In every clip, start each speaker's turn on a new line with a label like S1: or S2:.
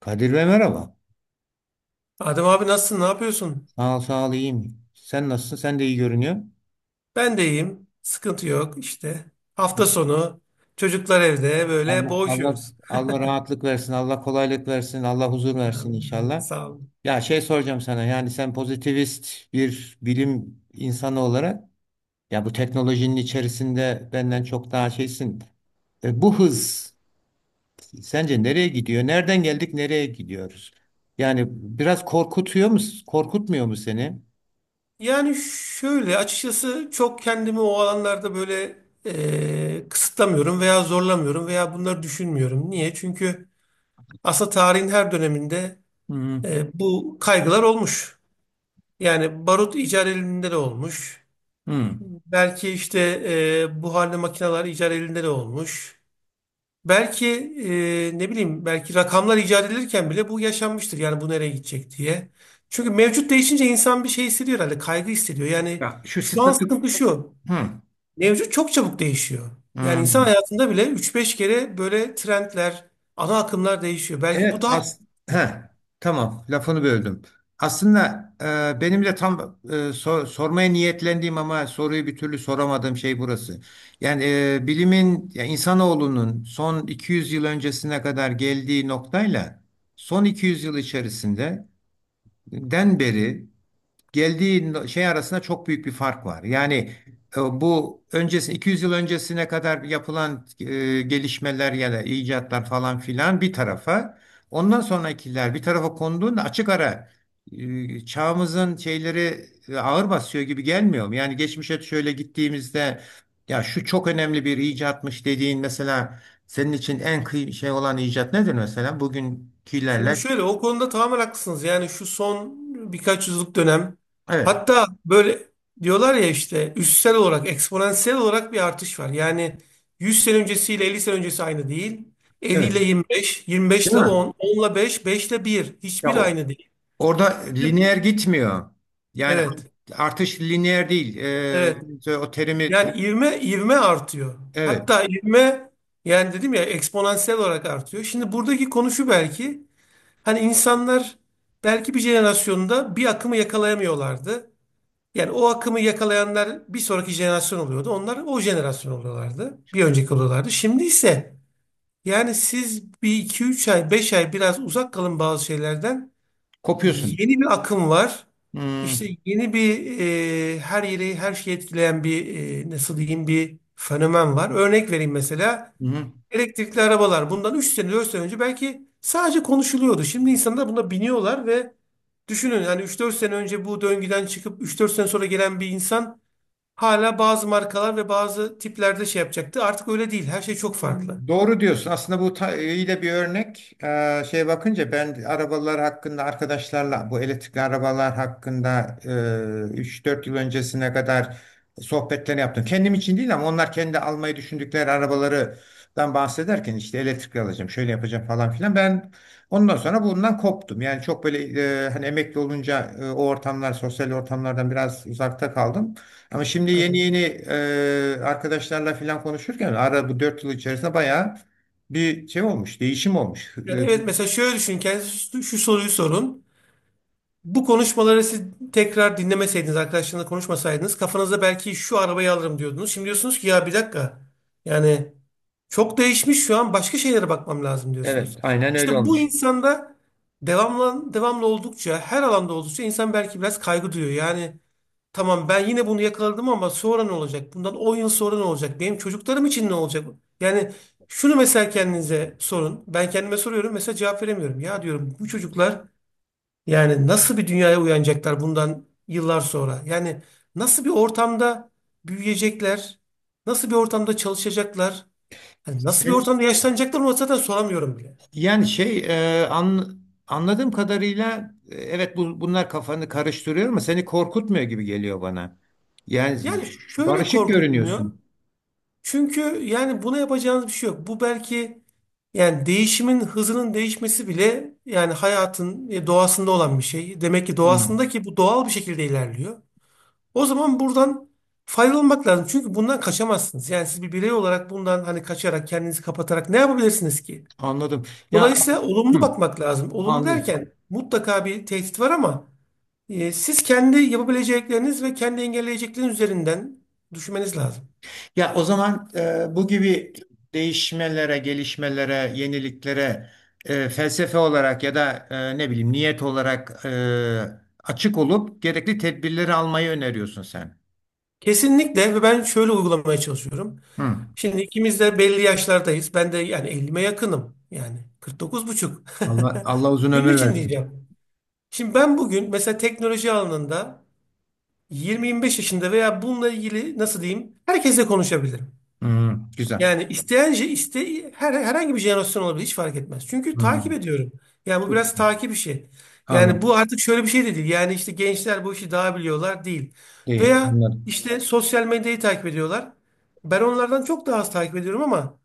S1: Kadir Bey, merhaba.
S2: Adem abi nasılsın? Ne yapıyorsun?
S1: Sağ ol, sağ ol, iyiyim. Sen nasılsın? Sen de iyi görünüyor.
S2: Ben de iyiyim. Sıkıntı yok işte. Hafta sonu çocuklar evde böyle
S1: Allah Allah.
S2: boğuşuyoruz.
S1: Allah rahatlık versin, Allah kolaylık versin, Allah huzur versin
S2: Anladım,
S1: inşallah.
S2: sağ olun.
S1: Ya şey soracağım sana. Yani sen pozitivist bir bilim insanı olarak ya bu teknolojinin içerisinde benden çok daha şeysin. Bu hız sence nereye gidiyor? Nereden geldik, nereye gidiyoruz? Yani biraz korkutuyor mu, korkutmuyor mu seni?
S2: Yani şöyle açıkçası çok kendimi o alanlarda böyle kısıtlamıyorum veya zorlamıyorum veya bunları düşünmüyorum. Niye? Çünkü aslında tarihin her döneminde
S1: Hı
S2: bu kaygılar olmuş. Yani barut icat elinde de olmuş.
S1: hı.
S2: Belki işte buharlı makineler icat elinde de olmuş. Belki ne bileyim belki rakamlar icat edilirken bile bu yaşanmıştır. Yani bu nereye gidecek diye. Çünkü mevcut değişince insan bir şey hissediyor herhalde. Kaygı hissediyor. Yani
S1: Ya şu
S2: şu an
S1: statik.
S2: sıkıntı şu.
S1: Hı.
S2: Mevcut çok çabuk değişiyor. Yani insan
S1: Hmm.
S2: hayatında bile üç beş kere böyle trendler, ana akımlar değişiyor. Belki bu
S1: Evet.
S2: daha korkutucu.
S1: Heh. Tamam, lafını böldüm. Aslında benim de tam sormaya niyetlendiğim ama soruyu bir türlü soramadığım şey burası. Yani bilimin ya insanoğlunun son 200 yıl öncesine kadar geldiği noktayla son 200 yıl içerisinde den beri geldiği şey arasında çok büyük bir fark var. Yani bu öncesi 200 yıl öncesine kadar yapılan gelişmeler ya da icatlar falan filan bir tarafa, ondan sonrakiler bir tarafa konduğunda açık ara çağımızın şeyleri ağır basıyor gibi gelmiyor mu? Yani geçmişe şöyle gittiğimizde ya şu çok önemli bir icatmış dediğin mesela senin için en şey olan icat nedir mesela?
S2: Şimdi
S1: Bugünkülerle.
S2: şöyle o konuda tamamen haklısınız. Yani şu son birkaç yüzyıllık dönem
S1: Evet.
S2: hatta böyle diyorlar ya işte üstsel olarak eksponansiyel olarak bir artış var. Yani 100 sene öncesiyle 50 sene öncesi aynı değil. 50 ile
S1: Evet.
S2: 25, 25
S1: Değil
S2: ile
S1: mi?
S2: 10, 10 ile 5, 5 ile 1.
S1: Ya
S2: Hiçbir
S1: o-
S2: aynı değil.
S1: Orada lineer gitmiyor. Yani
S2: Evet,
S1: artış lineer değil.
S2: evet.
S1: O terimi
S2: Yani ivme ivme artıyor.
S1: evet
S2: Hatta ivme yani dedim ya eksponansiyel olarak artıyor. Şimdi buradaki konu şu belki. Hani insanlar belki bir jenerasyonda bir akımı yakalayamıyorlardı. Yani o akımı yakalayanlar bir sonraki jenerasyon oluyordu. Onlar o jenerasyon oluyorlardı. Bir önceki oluyorlardı. Şimdi ise yani siz bir iki üç ay, 5 ay biraz uzak kalın bazı şeylerden.
S1: kopuyorsun.
S2: Yeni bir akım var. İşte
S1: Hmm,
S2: yeni bir her yeri her şeyi etkileyen bir nasıl diyeyim bir fenomen var. Örnek vereyim mesela.
S1: hı hı.
S2: Elektrikli arabalar bundan 3 sene 4 sene önce belki sadece konuşuluyordu. Şimdi insanlar buna biniyorlar ve düşünün yani 3-4 sene önce bu döngüden çıkıp 3-4 sene sonra gelen bir insan hala bazı markalar ve bazı tiplerde şey yapacaktı. Artık öyle değil. Her şey çok farklı.
S1: Doğru diyorsun. Aslında bu iyi de bir örnek. Şey bakınca ben arabalar hakkında arkadaşlarla bu elektrikli arabalar hakkında 3-4 yıl öncesine kadar sohbetler yaptım. Kendim için değil ama onlar kendi almayı düşündükleri arabalardan bahsederken işte elektrikli alacağım, şöyle yapacağım falan filan. Ben ondan sonra bundan koptum. Yani çok böyle hani emekli olunca o ortamlar, sosyal ortamlardan biraz uzakta kaldım. Ama şimdi yeni
S2: Evet.
S1: yeni arkadaşlarla falan konuşurken ara bu 4 yıl içerisinde bayağı bir şey olmuş, değişim olmuş.
S2: Yani evet mesela şöyle düşün kendinize şu soruyu sorun. Bu konuşmaları siz tekrar dinlemeseydiniz, arkadaşlarınızla konuşmasaydınız kafanızda belki şu arabayı alırım diyordunuz. Şimdi diyorsunuz ki ya bir dakika yani çok değişmiş şu an başka şeylere bakmam lazım
S1: Evet,
S2: diyorsunuz.
S1: aynen öyle
S2: İşte bu
S1: olmuş.
S2: insanda devamlı, devamlı oldukça her alanda oldukça insan belki biraz kaygı duyuyor. Yani tamam ben yine bunu yakaladım ama sonra ne olacak? Bundan 10 yıl sonra ne olacak? Benim çocuklarım için ne olacak? Yani şunu mesela kendinize sorun. Ben kendime soruyorum mesela cevap veremiyorum. Ya diyorum bu çocuklar yani nasıl bir dünyaya uyanacaklar bundan yıllar sonra? Yani nasıl bir ortamda büyüyecekler? Nasıl bir ortamda çalışacaklar? Hani nasıl bir
S1: Sen
S2: ortamda yaşlanacaklar onu zaten soramıyorum bile.
S1: yani anladığım kadarıyla evet bunlar kafanı karıştırıyor ama seni korkutmuyor gibi geliyor bana. Yani
S2: Yani şöyle
S1: barışık
S2: korkutmuyor.
S1: görünüyorsun.
S2: Çünkü yani buna yapacağınız bir şey yok. Bu belki yani değişimin hızının değişmesi bile yani hayatın doğasında olan bir şey. Demek ki doğasında
S1: Hmm,
S2: ki bu doğal bir şekilde ilerliyor. O zaman buradan faydalanmak lazım. Çünkü bundan kaçamazsınız. Yani siz bir birey olarak bundan hani kaçarak kendinizi kapatarak ne yapabilirsiniz ki?
S1: Anladım. Ya
S2: Dolayısıyla olumlu
S1: hmm,
S2: bakmak lazım. Olumlu
S1: anladım.
S2: derken mutlaka bir tehdit var ama siz kendi yapabilecekleriniz ve kendi engelleyecekleriniz üzerinden düşünmeniz lazım.
S1: Ya o zaman bu gibi değişmelere, gelişmelere, yeniliklere felsefe olarak ya da ne bileyim niyet olarak açık olup gerekli tedbirleri almayı öneriyorsun sen.
S2: Kesinlikle ve ben şöyle uygulamaya çalışıyorum.
S1: Hı.
S2: Şimdi ikimiz de belli yaşlardayız. Ben de yani 50'me yakınım. Yani 49 buçuk.
S1: Allah, Allah uzun
S2: Günün
S1: ömür
S2: için
S1: versin.
S2: diyeceğim. Şimdi ben bugün mesela teknoloji alanında 20-25 yaşında veya bununla ilgili nasıl diyeyim herkesle konuşabilirim.
S1: Hı, güzel.
S2: Yani isteyince iste herhangi bir jenerasyon olabilir hiç fark etmez. Çünkü
S1: Hı,
S2: takip ediyorum. Yani bu
S1: çok
S2: biraz
S1: güzel.
S2: takip işi. Yani bu
S1: Anladım.
S2: artık şöyle bir şey de değil. Yani işte gençler bu işi daha biliyorlar değil.
S1: Değil.
S2: Veya
S1: Anladım.
S2: işte sosyal medyayı takip ediyorlar. Ben onlardan çok daha az takip ediyorum ama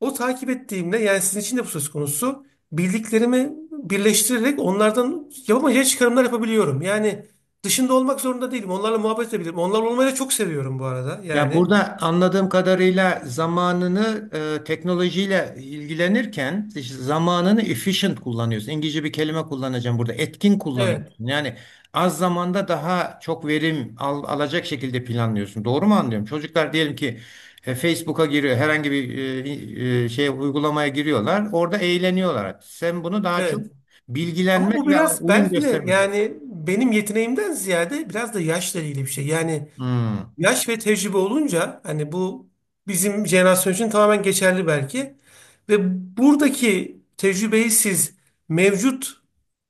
S2: o takip ettiğimde yani sizin için de bu söz konusu bildiklerimi birleştirerek onlardan yapamayacağı çıkarımlar yapabiliyorum. Yani dışında olmak zorunda değilim. Onlarla muhabbet edebilirim. Onlarla olmayı da çok seviyorum bu arada.
S1: Ya
S2: Yani
S1: burada anladığım kadarıyla zamanını teknolojiyle ilgilenirken işte zamanını efficient kullanıyorsun. İngilizce bir kelime kullanacağım burada. Etkin
S2: evet,
S1: kullanıyorsun. Yani az zamanda daha çok verim alacak şekilde planlıyorsun. Doğru mu anlıyorum? Çocuklar diyelim ki Facebook'a giriyor. Herhangi bir şey uygulamaya giriyorlar. Orada eğleniyorlar. Sen bunu daha çok
S2: evet. Ama bu
S1: bilgilenmek ve
S2: biraz
S1: uyum
S2: belki de
S1: göstermek.
S2: yani benim yeteneğimden ziyade biraz da yaşla ilgili bir şey. Yani
S1: Hmm.
S2: yaş ve tecrübe olunca hani bu bizim jenerasyon için tamamen geçerli belki. Ve buradaki tecrübeyi siz mevcut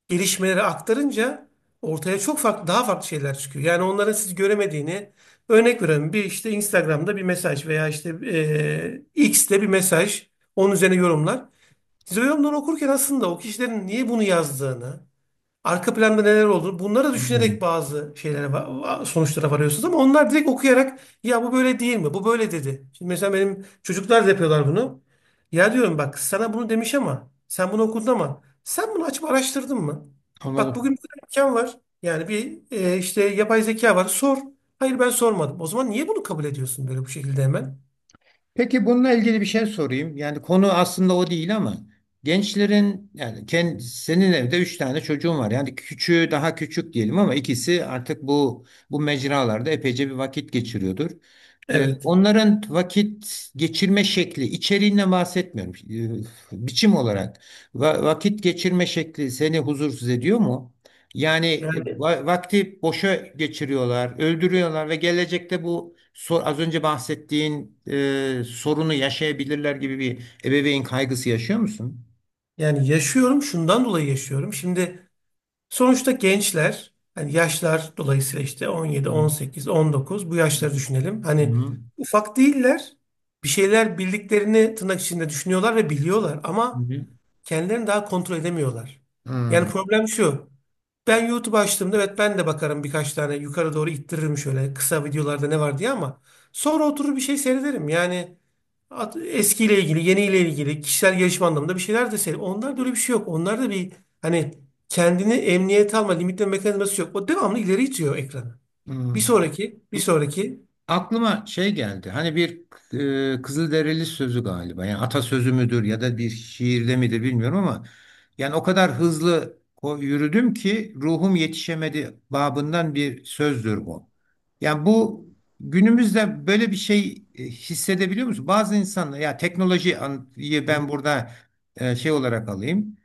S2: gelişmeleri aktarınca ortaya çok farklı, daha farklı şeyler çıkıyor. Yani onların siz göremediğini örnek veriyorum. Bir işte Instagram'da bir mesaj veya işte X'te bir mesaj. Onun üzerine yorumlar. Siz o yorumları okurken aslında o kişilerin niye bunu yazdığını arka planda neler olduğunu bunları düşünerek
S1: Hmm.
S2: bazı şeylere sonuçlara varıyorsunuz ama onlar direkt okuyarak ya bu böyle değil mi? Bu böyle dedi. Şimdi mesela benim çocuklar da yapıyorlar bunu. Ya diyorum bak sana bunu demiş ama sen bunu okudun ama sen bunu açıp araştırdın mı? Bak
S1: Anladım.
S2: bugün bir tane imkan var. Yani bir işte yapay zeka var. Sor. Hayır ben sormadım. O zaman niye bunu kabul ediyorsun böyle bu şekilde hemen?
S1: Peki bununla ilgili bir şey sorayım. Yani konu aslında o değil ama gençlerin yani kendi, senin evde üç tane çocuğun var. Yani küçüğü daha küçük diyelim ama ikisi artık bu mecralarda epeyce bir vakit geçiriyordur.
S2: Evet.
S1: Onların vakit geçirme şekli, içeriğinden bahsetmiyorum. Biçim olarak vakit geçirme şekli seni huzursuz ediyor mu? Yani
S2: Yani
S1: vakti boşa geçiriyorlar, öldürüyorlar ve gelecekte bu az önce bahsettiğin sorunu yaşayabilirler gibi bir ebeveyn kaygısı yaşıyor musun?
S2: yani yaşıyorum şundan dolayı yaşıyorum. Şimdi sonuçta gençler hani yaşlar dolayısıyla işte 17,
S1: Hı
S2: 18, 19 bu
S1: hı.
S2: yaşları düşünelim.
S1: Hı
S2: Hani
S1: hı.
S2: ufak değiller. Bir şeyler bildiklerini tırnak içinde düşünüyorlar ve biliyorlar ama kendilerini daha kontrol edemiyorlar.
S1: Hı
S2: Yani
S1: hı.
S2: problem şu. Ben YouTube açtığımda evet ben de bakarım birkaç tane yukarı doğru ittiririm şöyle kısa videolarda ne var diye ama sonra oturur bir şey seyrederim. Yani eskiyle ilgili, yeniyle ilgili, kişisel gelişim anlamında bir şeyler de söyleyeyim. Onlarda öyle bir şey yok. Onlarda bir hani kendini emniyete alma, limitleme mekanizması yok. O devamlı ileri itiyor ekranı. Bir
S1: Hı.
S2: sonraki, bir sonraki.
S1: Aklıma şey geldi. Hani bir Kızılderili sözü galiba. Yani atasözü müdür ya da bir şiirde midir bilmiyorum ama yani o kadar hızlı yürüdüm ki ruhum yetişemedi babından bir sözdür bu. Yani bu günümüzde böyle bir şey hissedebiliyor musun? Bazı insanlar ya teknolojiyi ben burada şey olarak alayım.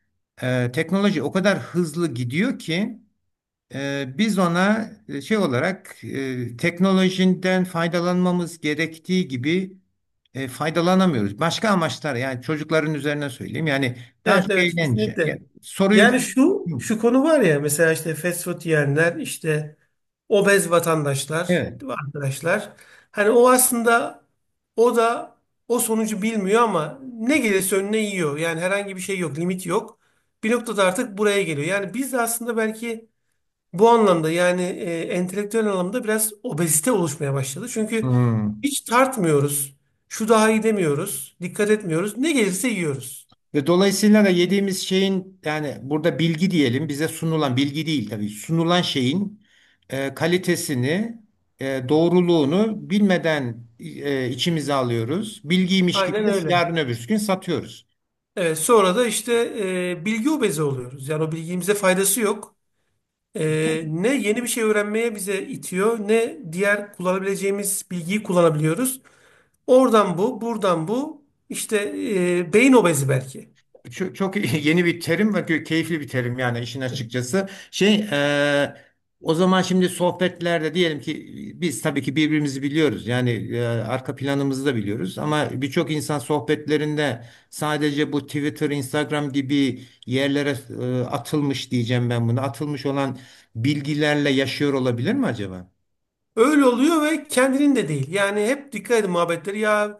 S1: Teknoloji o kadar hızlı gidiyor ki biz ona şey olarak teknolojiden faydalanmamız gerektiği gibi faydalanamıyoruz. Başka amaçlar yani çocukların üzerine söyleyeyim. Yani daha
S2: Evet,
S1: çok
S2: evet,
S1: eğlence.
S2: kesinlikle.
S1: Yani soruyu.
S2: Yani
S1: Hı,
S2: şu şu konu var ya mesela işte fast food yiyenler işte obez vatandaşlar
S1: evet.
S2: değil mi arkadaşlar. Hani o aslında o da o sonucu bilmiyor ama ne gelirse önüne yiyor. Yani herhangi bir şey yok, limit yok. Bir noktada artık buraya geliyor. Yani biz de aslında belki bu anlamda yani entelektüel anlamda biraz obezite oluşmaya başladı. Çünkü
S1: Hmm.
S2: hiç tartmıyoruz. Şu daha iyi demiyoruz. Dikkat etmiyoruz. Ne gelirse yiyoruz.
S1: Ve dolayısıyla da yediğimiz şeyin yani burada bilgi diyelim bize sunulan bilgi değil tabii sunulan şeyin kalitesini doğruluğunu bilmeden içimize alıyoruz. Bilgiymiş gibi
S2: Aynen
S1: de
S2: öyle.
S1: yarın öbürsü gün satıyoruz.
S2: Evet, sonra da işte bilgi obezi oluyoruz. Yani o bilgimize faydası yok. Ne yeni bir şey öğrenmeye bize itiyor, ne diğer kullanabileceğimiz bilgiyi kullanabiliyoruz. Oradan bu, buradan bu. İşte beyin obezi belki.
S1: Çok, çok yeni bir terim ve keyifli bir terim yani işin açıkçası. E, O zaman şimdi sohbetlerde diyelim ki biz tabii ki birbirimizi biliyoruz. Yani arka planımızı da biliyoruz ama birçok insan sohbetlerinde sadece bu Twitter, Instagram gibi yerlere atılmış diyeceğim ben bunu. Atılmış olan bilgilerle yaşıyor olabilir mi acaba?
S2: Öyle oluyor ve kendinin de değil. Yani hep dikkat edin muhabbetleri. Ya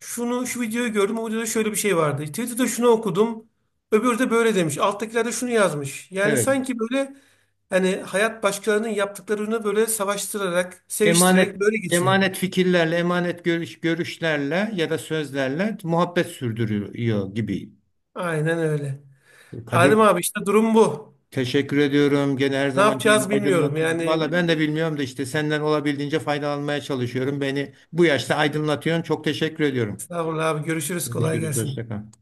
S2: şunu şu videoyu gördüm. O videoda şöyle bir şey vardı. Twitter'da şunu okudum. Öbürü de böyle demiş. Alttakiler de şunu yazmış. Yani
S1: Evet.
S2: sanki böyle hani hayat başkalarının yaptıklarını böyle savaştırarak, seviştirerek
S1: Emanet
S2: böyle geçiyor.
S1: emanet fikirlerle, emanet görüşlerle ya da sözlerle muhabbet sürdürüyor gibi.
S2: Aynen öyle.
S1: Kadir,
S2: Adem abi işte durum bu.
S1: teşekkür ediyorum. Gene her
S2: Ne
S1: zamanki gibi
S2: yapacağız bilmiyorum.
S1: aydınlattın.
S2: Yani
S1: Valla ben de bilmiyorum da işte senden olabildiğince faydalanmaya çalışıyorum. Beni bu yaşta aydınlatıyorsun. Çok teşekkür ediyorum.
S2: estağfurullah abi görüşürüz kolay
S1: Görüşürüz.
S2: gelsin.
S1: Hoşça kal.